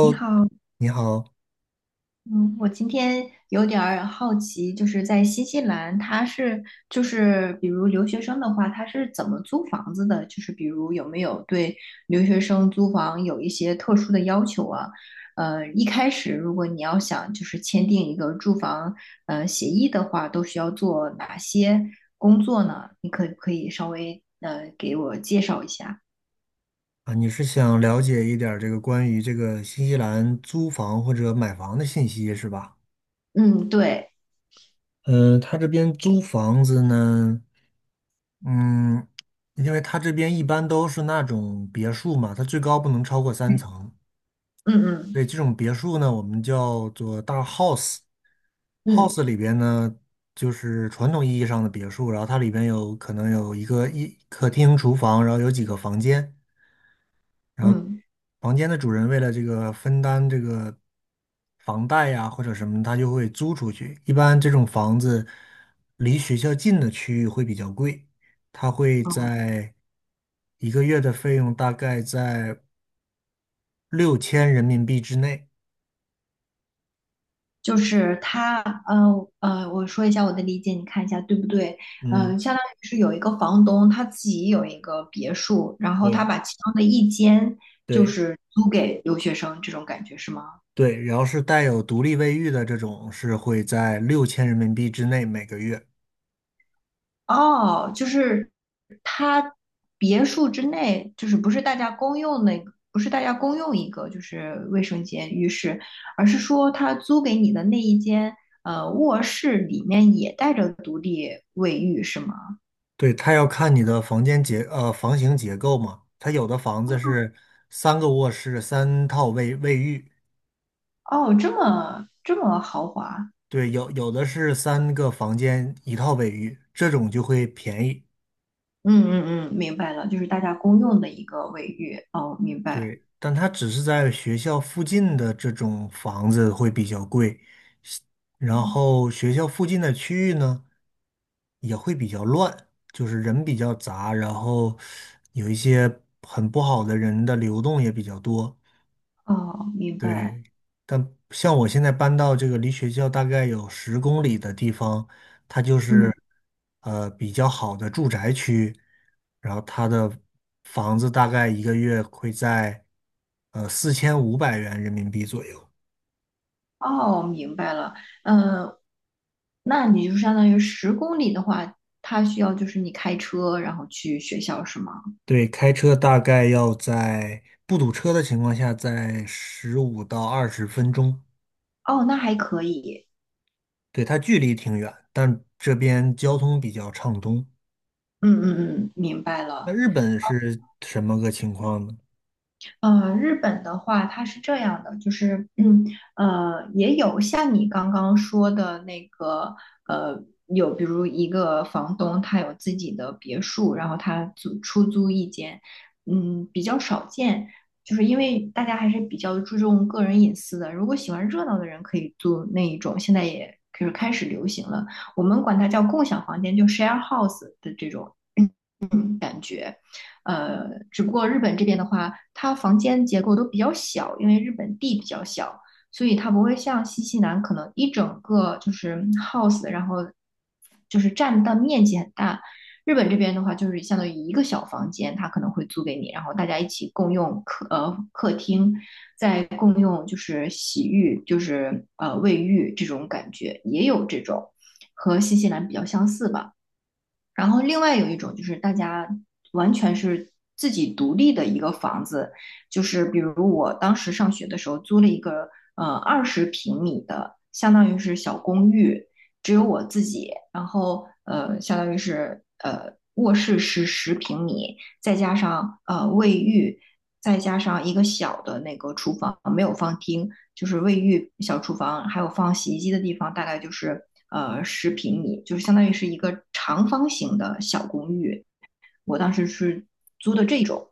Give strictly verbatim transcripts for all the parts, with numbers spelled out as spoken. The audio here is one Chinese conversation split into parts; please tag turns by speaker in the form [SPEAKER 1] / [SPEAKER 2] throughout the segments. [SPEAKER 1] 你 好，
[SPEAKER 2] 你好
[SPEAKER 1] 嗯，我今天有点儿好奇，就是在新西兰，他是就是比如留学生的话，他是怎么租房子的？就是比如有没有对留学生租房有一些特殊的要求啊？呃，一开始如果你要想就是签订一个住房呃协议的话，都需要做哪些工作呢？你可不可以稍微呃给我介绍一下？
[SPEAKER 2] 啊，你是想了解一点儿这个关于这个新西兰租房或者买房的信息是吧？
[SPEAKER 1] 嗯，对，
[SPEAKER 2] 嗯、他这边租房子呢，嗯，因为他这边一般都是那种别墅嘛，它最高不能超过三层，
[SPEAKER 1] 嗯
[SPEAKER 2] 所
[SPEAKER 1] 嗯
[SPEAKER 2] 以这种别墅呢，我们叫做大 house。
[SPEAKER 1] 嗯，
[SPEAKER 2] house 里边呢，就是传统意义上的别墅，然后它里边有可能有一个一客厅、厨房，然后有几个房间。
[SPEAKER 1] 嗯，
[SPEAKER 2] 房间的主人为了这个分担这个房贷呀或者什么，他就会租出去。一般这种房子离学校近的区域会比较贵，它会在一个月的费用大概在六千人民币之内。
[SPEAKER 1] 就是他，呃呃，我说一下我的理解，你看一下对不对？
[SPEAKER 2] 嗯，
[SPEAKER 1] 嗯，相当于是有一个房东，他自己有一个别墅，然后他
[SPEAKER 2] 对
[SPEAKER 1] 把其中的一间就
[SPEAKER 2] 对
[SPEAKER 1] 是租给留学生，这种感觉是吗？
[SPEAKER 2] 对，然后是带有独立卫浴的这种是会在六千人民币之内每个月。
[SPEAKER 1] 哦，就是他别墅之内，就是不是大家公用那个，不是大家公用一个就是卫生间、浴室，而是说他租给你的那一间，呃，卧室里面也带着独立卫浴，是吗？
[SPEAKER 2] 对，它要看你的房间结呃房型结构嘛，它有的房子是三个卧室三套卫卫浴，
[SPEAKER 1] 哦，这么这么豪华。
[SPEAKER 2] 对，有有的是三个房间一套卫浴，这种就会便宜。
[SPEAKER 1] 嗯嗯嗯，明白了，就是大家公用的一个卫浴。哦，明白。
[SPEAKER 2] 对，但它只是在学校附近的这种房子会比较贵，然后学校附近的区域呢也会比较乱，就是人比较杂，然后有一些很不好的人的流动也比较多。
[SPEAKER 1] 哦，明白。
[SPEAKER 2] 对，但像我现在搬到这个离学校大概有十公里的地方，它就是
[SPEAKER 1] 嗯，
[SPEAKER 2] 呃比较好的住宅区，然后它的房子大概一个月会在呃四千五百元人民币左右。
[SPEAKER 1] 哦，明白了。嗯，那你就相当于十公里的话，它需要就是你开车然后去学校是吗？
[SPEAKER 2] 对，开车大概要在不堵车的情况下，在十五到二十分钟。
[SPEAKER 1] 哦，那还可以。
[SPEAKER 2] 对，它距离挺远，但这边交通比较畅通。
[SPEAKER 1] 嗯嗯嗯，明白
[SPEAKER 2] 那
[SPEAKER 1] 了。
[SPEAKER 2] 日本是什么个情况呢？
[SPEAKER 1] 呃，日本的话，它是这样的，就是，嗯，呃，也有像你刚刚说的那个，呃，有比如一个房东他有自己的别墅，然后他租出租一间，嗯，比较少见，就是因为大家还是比较注重个人隐私的。如果喜欢热闹的人可以租那一种，现在也就是开始流行了，我们管它叫共享房间，就 share house 的这种。呃，只不过日本这边的话，它房间结构都比较小，因为日本地比较小，所以它不会像新西兰可能一整个就是 house，然后就是占的面积很大。日本这边的话，就是相当于一个小房间，它可能会租给你，然后大家一起共用客呃客厅，再共用就是洗浴，就是呃卫浴这种感觉，也有这种和新西兰比较相似吧。然后另外有一种就是大家完全是自己独立的一个房子，就是比如我当时上学的时候租了一个呃二十平米的，相当于是小公寓，只有我自己，然后呃相当于是呃卧室是十平米，再加上呃卫浴，再加上一个小的那个厨房，没有放厅，就是卫浴、小厨房，还有放洗衣机的地方，大概就是呃十平米，就是相当于是一个长方形的小公寓。我当时是租的这种，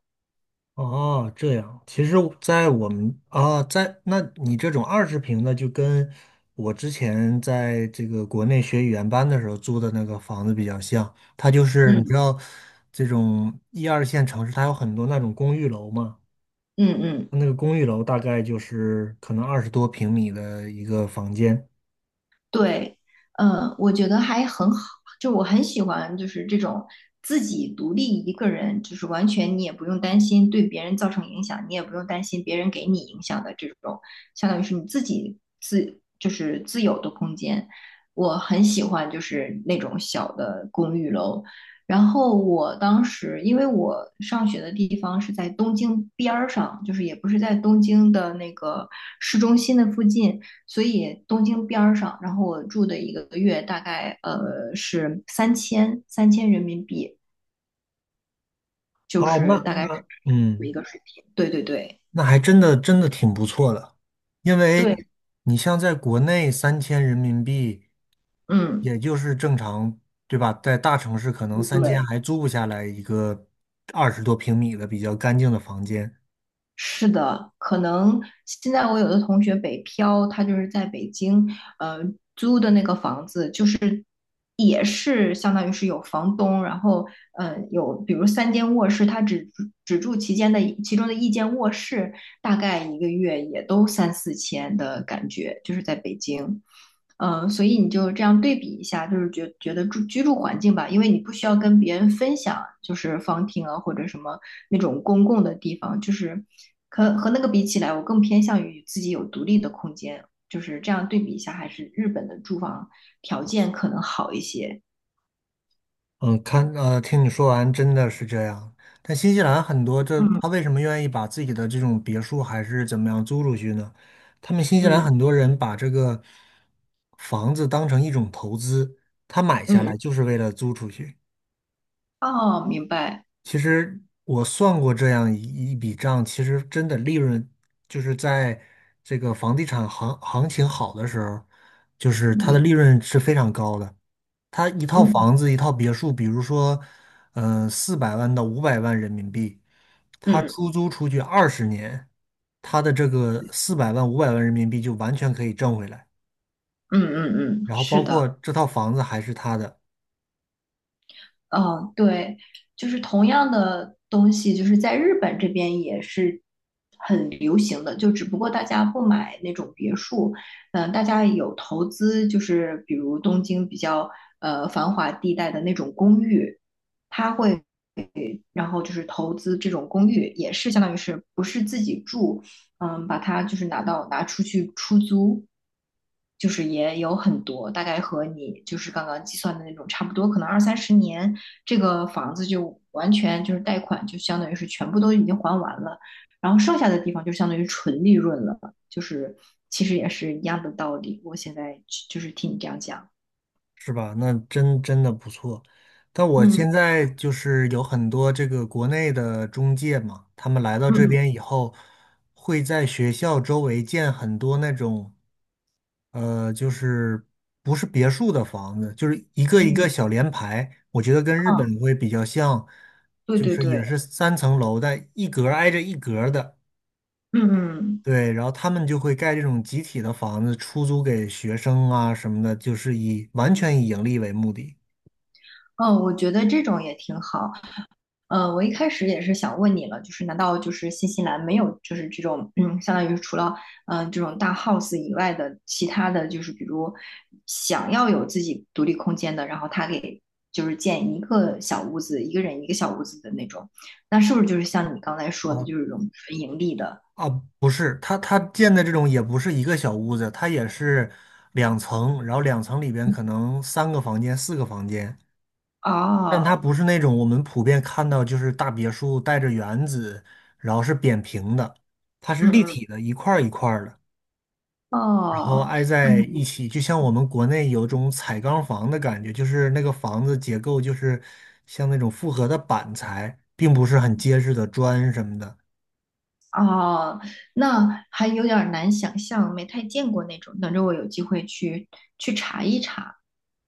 [SPEAKER 2] 哦，这样，其实，在我们啊，在那你这种二十平的，就跟我之前在这个国内学语言班的时候租的那个房子比较像。它就是你
[SPEAKER 1] 嗯
[SPEAKER 2] 知道，这种一二线城市，它有很多那种公寓楼嘛，
[SPEAKER 1] 嗯嗯
[SPEAKER 2] 那个公寓楼大概就是可能二十多平米的一个房间。
[SPEAKER 1] 对，嗯，我觉得还很好，就我很喜欢，就是这种自己独立一个人，就是完全你也不用担心对别人造成影响，你也不用担心别人给你影响的这种，相当于是你自己自就是自有的空间。我很喜欢就是那种小的公寓楼。然后我当时，因为我上学的地方是在东京边儿上，就是也不是在东京的那个市中心的附近，所以东京边上，然后我住的一个月大概呃是三千三千人民币，就
[SPEAKER 2] 好，那
[SPEAKER 1] 是大概是
[SPEAKER 2] 那嗯，
[SPEAKER 1] 一个水平。对对对
[SPEAKER 2] 那还真的真的挺不错的，因为
[SPEAKER 1] 对，
[SPEAKER 2] 你像在国内三千人民币。
[SPEAKER 1] 嗯，
[SPEAKER 2] 也就是正常，对吧？在大城市可能三千
[SPEAKER 1] 对。
[SPEAKER 2] 还租不下来一个二十多平米的比较干净的房间。
[SPEAKER 1] 是的，可能现在我有的同学北漂，他就是在北京，呃，租的那个房子，就是也是相当于是有房东，然后呃有比如三间卧室，他只住只住其间的其中的一间卧室，大概一个月也都三四千的感觉，就是在北京。呃，所以你就这样对比一下，就是觉觉得住居住环境吧。因为你不需要跟别人分享，就是方厅啊或者什么那种公共的地方，就是和和那个比起来，我更偏向于自己有独立的空间，就是这样对比一下，还是日本的住房条件可能好一些。
[SPEAKER 2] 嗯，看，呃，听你说完，真的是这样。但新西兰很多这，
[SPEAKER 1] 嗯
[SPEAKER 2] 他为什么愿意把自己的这种别墅还是怎么样租出去呢？他们新西兰
[SPEAKER 1] 嗯
[SPEAKER 2] 很多人把这个房子当成一种投资，他买下
[SPEAKER 1] 嗯，
[SPEAKER 2] 来就是为了租出去。
[SPEAKER 1] 嗯哦，明白，
[SPEAKER 2] 其实我算过这样一一笔账，其实真的利润就是在这个房地产行行情好的时候，就是它的
[SPEAKER 1] 嗯
[SPEAKER 2] 利润是非常高的。它一套
[SPEAKER 1] 嗯
[SPEAKER 2] 房子、一套别墅，比如说，嗯、四百万到五百万人民币，
[SPEAKER 1] 嗯
[SPEAKER 2] 它
[SPEAKER 1] 嗯
[SPEAKER 2] 出租出去二十年，它的这个四百万、五百万人民币就完全可以挣回来。
[SPEAKER 1] 嗯嗯，嗯
[SPEAKER 2] 然后包
[SPEAKER 1] 是的。
[SPEAKER 2] 括这套房子还是他的，
[SPEAKER 1] 嗯，对，就是同样的东西，就是在日本这边也是很流行的，就只不过大家不买那种别墅，嗯，大家有投资，就是比如东京比较呃繁华地带的那种公寓，会。然后就是投资这种公寓，也是相当于是不是自己住，嗯，把它就是拿到拿出去出租，就是也有很多，大概和你就是刚刚计算的那种差不多，可能二三十年这个房子就完全就是贷款就相当于是全部都已经还完了，然后剩下的地方就相当于纯利润了，就是其实也是一样的道理。我现在就是听你这样讲，
[SPEAKER 2] 是吧？那真真的不错。但我
[SPEAKER 1] 嗯
[SPEAKER 2] 现在就是有很多这个国内的中介嘛，他们来到这
[SPEAKER 1] 嗯
[SPEAKER 2] 边以后，会在学校周围建很多那种，呃，就是不是别墅的房子，就是一个一个
[SPEAKER 1] 嗯，
[SPEAKER 2] 小联排。我觉得跟日
[SPEAKER 1] 啊，
[SPEAKER 2] 本会比较像，
[SPEAKER 1] 对
[SPEAKER 2] 就
[SPEAKER 1] 对
[SPEAKER 2] 是也
[SPEAKER 1] 对，
[SPEAKER 2] 是三层楼，但一格儿挨着一格儿的。
[SPEAKER 1] 嗯嗯。
[SPEAKER 2] 对，然后他们就会盖这种集体的房子，出租给学生啊什么的，就是以完全以盈利为目的。
[SPEAKER 1] 嗯，我觉得这种也挺好。呃，我一开始也是想问你了，就是难道就是新西兰没有就是这种嗯，相当于是除了嗯这种大 house 以外的其他的就是比如想要有自己独立空间的，然后他给就是建一个小屋子，一个人一个小屋子的那种，那是不是就是像你刚才说的，
[SPEAKER 2] 啊
[SPEAKER 1] 就是这种纯盈利的？
[SPEAKER 2] 啊，不是，它它建的这种也不是一个小屋子，它也是两层，然后两层里边可能三个房间、四个房间，但它
[SPEAKER 1] 哦，
[SPEAKER 2] 不是那种我们普遍看到就是大别墅带着园子，然后是扁平的，它是
[SPEAKER 1] 嗯
[SPEAKER 2] 立
[SPEAKER 1] 嗯，
[SPEAKER 2] 体的，一块儿一块儿的，然后
[SPEAKER 1] 哦。
[SPEAKER 2] 挨在一起，就像我们国内有种彩钢房的感觉，就是那个房子结构就是像那种复合的板材，并不是很结实的砖什么的。
[SPEAKER 1] 哦，那还有点儿难想象，没太见过那种。等着我有机会去去查一查。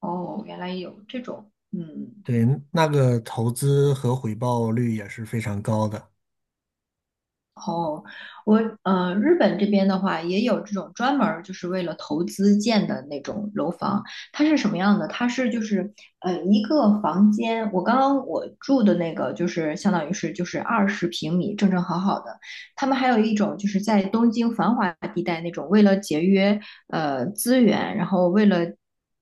[SPEAKER 1] 哦，原来有这种，嗯。
[SPEAKER 2] 对，那个投资和回报率也是非常高的。
[SPEAKER 1] 哦，我呃，日本这边的话也有这种专门儿就是为了投资建的那种楼房，它是什么样的？它是就是呃一个房间，我刚刚我住的那个就是相当于是就是二十平米，正正好好的。他们还有一种就是在东京繁华地带那种，为了节约呃资源，然后为了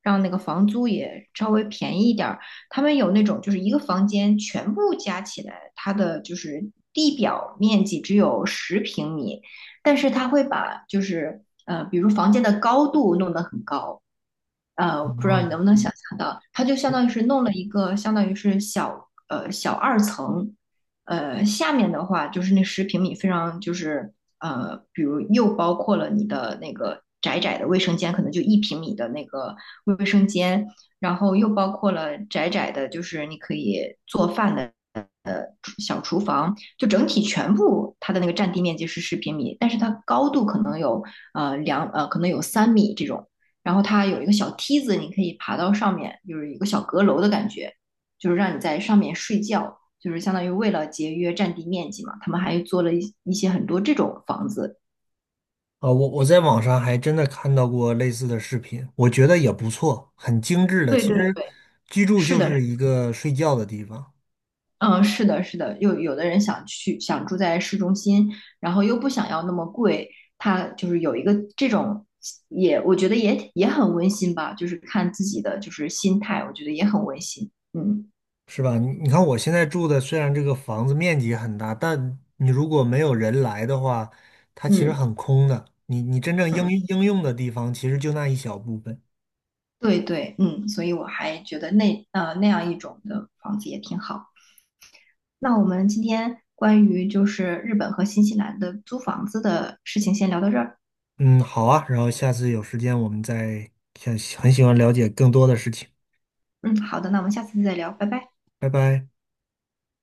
[SPEAKER 1] 让那个房租也稍微便宜一点，他们有那种就是一个房间全部加起来，它的就是地表面积只有十平米，但是它会把就是呃，比如房间的高度弄得很高。呃，我不知道
[SPEAKER 2] 哦，
[SPEAKER 1] 你能不能想象到，它就相当于是弄了一个，相当于是小呃小二层。呃下面的话就是那十平米非常就是呃，比如又包括了你的那个窄窄的卫生间，可能就一平米的那个卫生间，然后又包括了窄窄的，就是你可以做饭的。呃，小厨房就整体全部它的那个占地面积是十平米，但是它高度可能有呃两呃可能有三米这种。然后它有一个小梯子，你可以爬到上面，就是一个小阁楼的感觉，就是让你在上面睡觉，就是相当于为了节约占地面积嘛，他们还做了一一些很多这种房子。
[SPEAKER 2] 啊，我我在网上还真的看到过类似的视频，我觉得也不错，很精致的。
[SPEAKER 1] 对
[SPEAKER 2] 其
[SPEAKER 1] 对
[SPEAKER 2] 实
[SPEAKER 1] 对，
[SPEAKER 2] 居住
[SPEAKER 1] 是
[SPEAKER 2] 就
[SPEAKER 1] 的，
[SPEAKER 2] 是一个睡觉的地方，
[SPEAKER 1] 嗯，是的，是的，有有的人想去想住在市中心，然后又不想要那么贵，他就是有一个这种也，我觉得也也很温馨吧，就是看自己的就是心态，我觉得也很温馨。嗯
[SPEAKER 2] 是吧？你你看我现在住的，虽然这个房子面积很大，但你如果没有人来的话，它其实
[SPEAKER 1] 嗯
[SPEAKER 2] 很空的。你你真正应
[SPEAKER 1] 嗯。
[SPEAKER 2] 应用的地方，其实就那一小部分。
[SPEAKER 1] 对对，嗯，所以我还觉得那呃那样一种的房子也挺好。那我们今天关于就是日本和新西兰的租房子的事情先聊到这儿。
[SPEAKER 2] 嗯，好啊，然后下次有时间我们再想很喜欢了解更多的事情。
[SPEAKER 1] 嗯，好的，那我们下次再聊，拜拜。
[SPEAKER 2] 拜拜。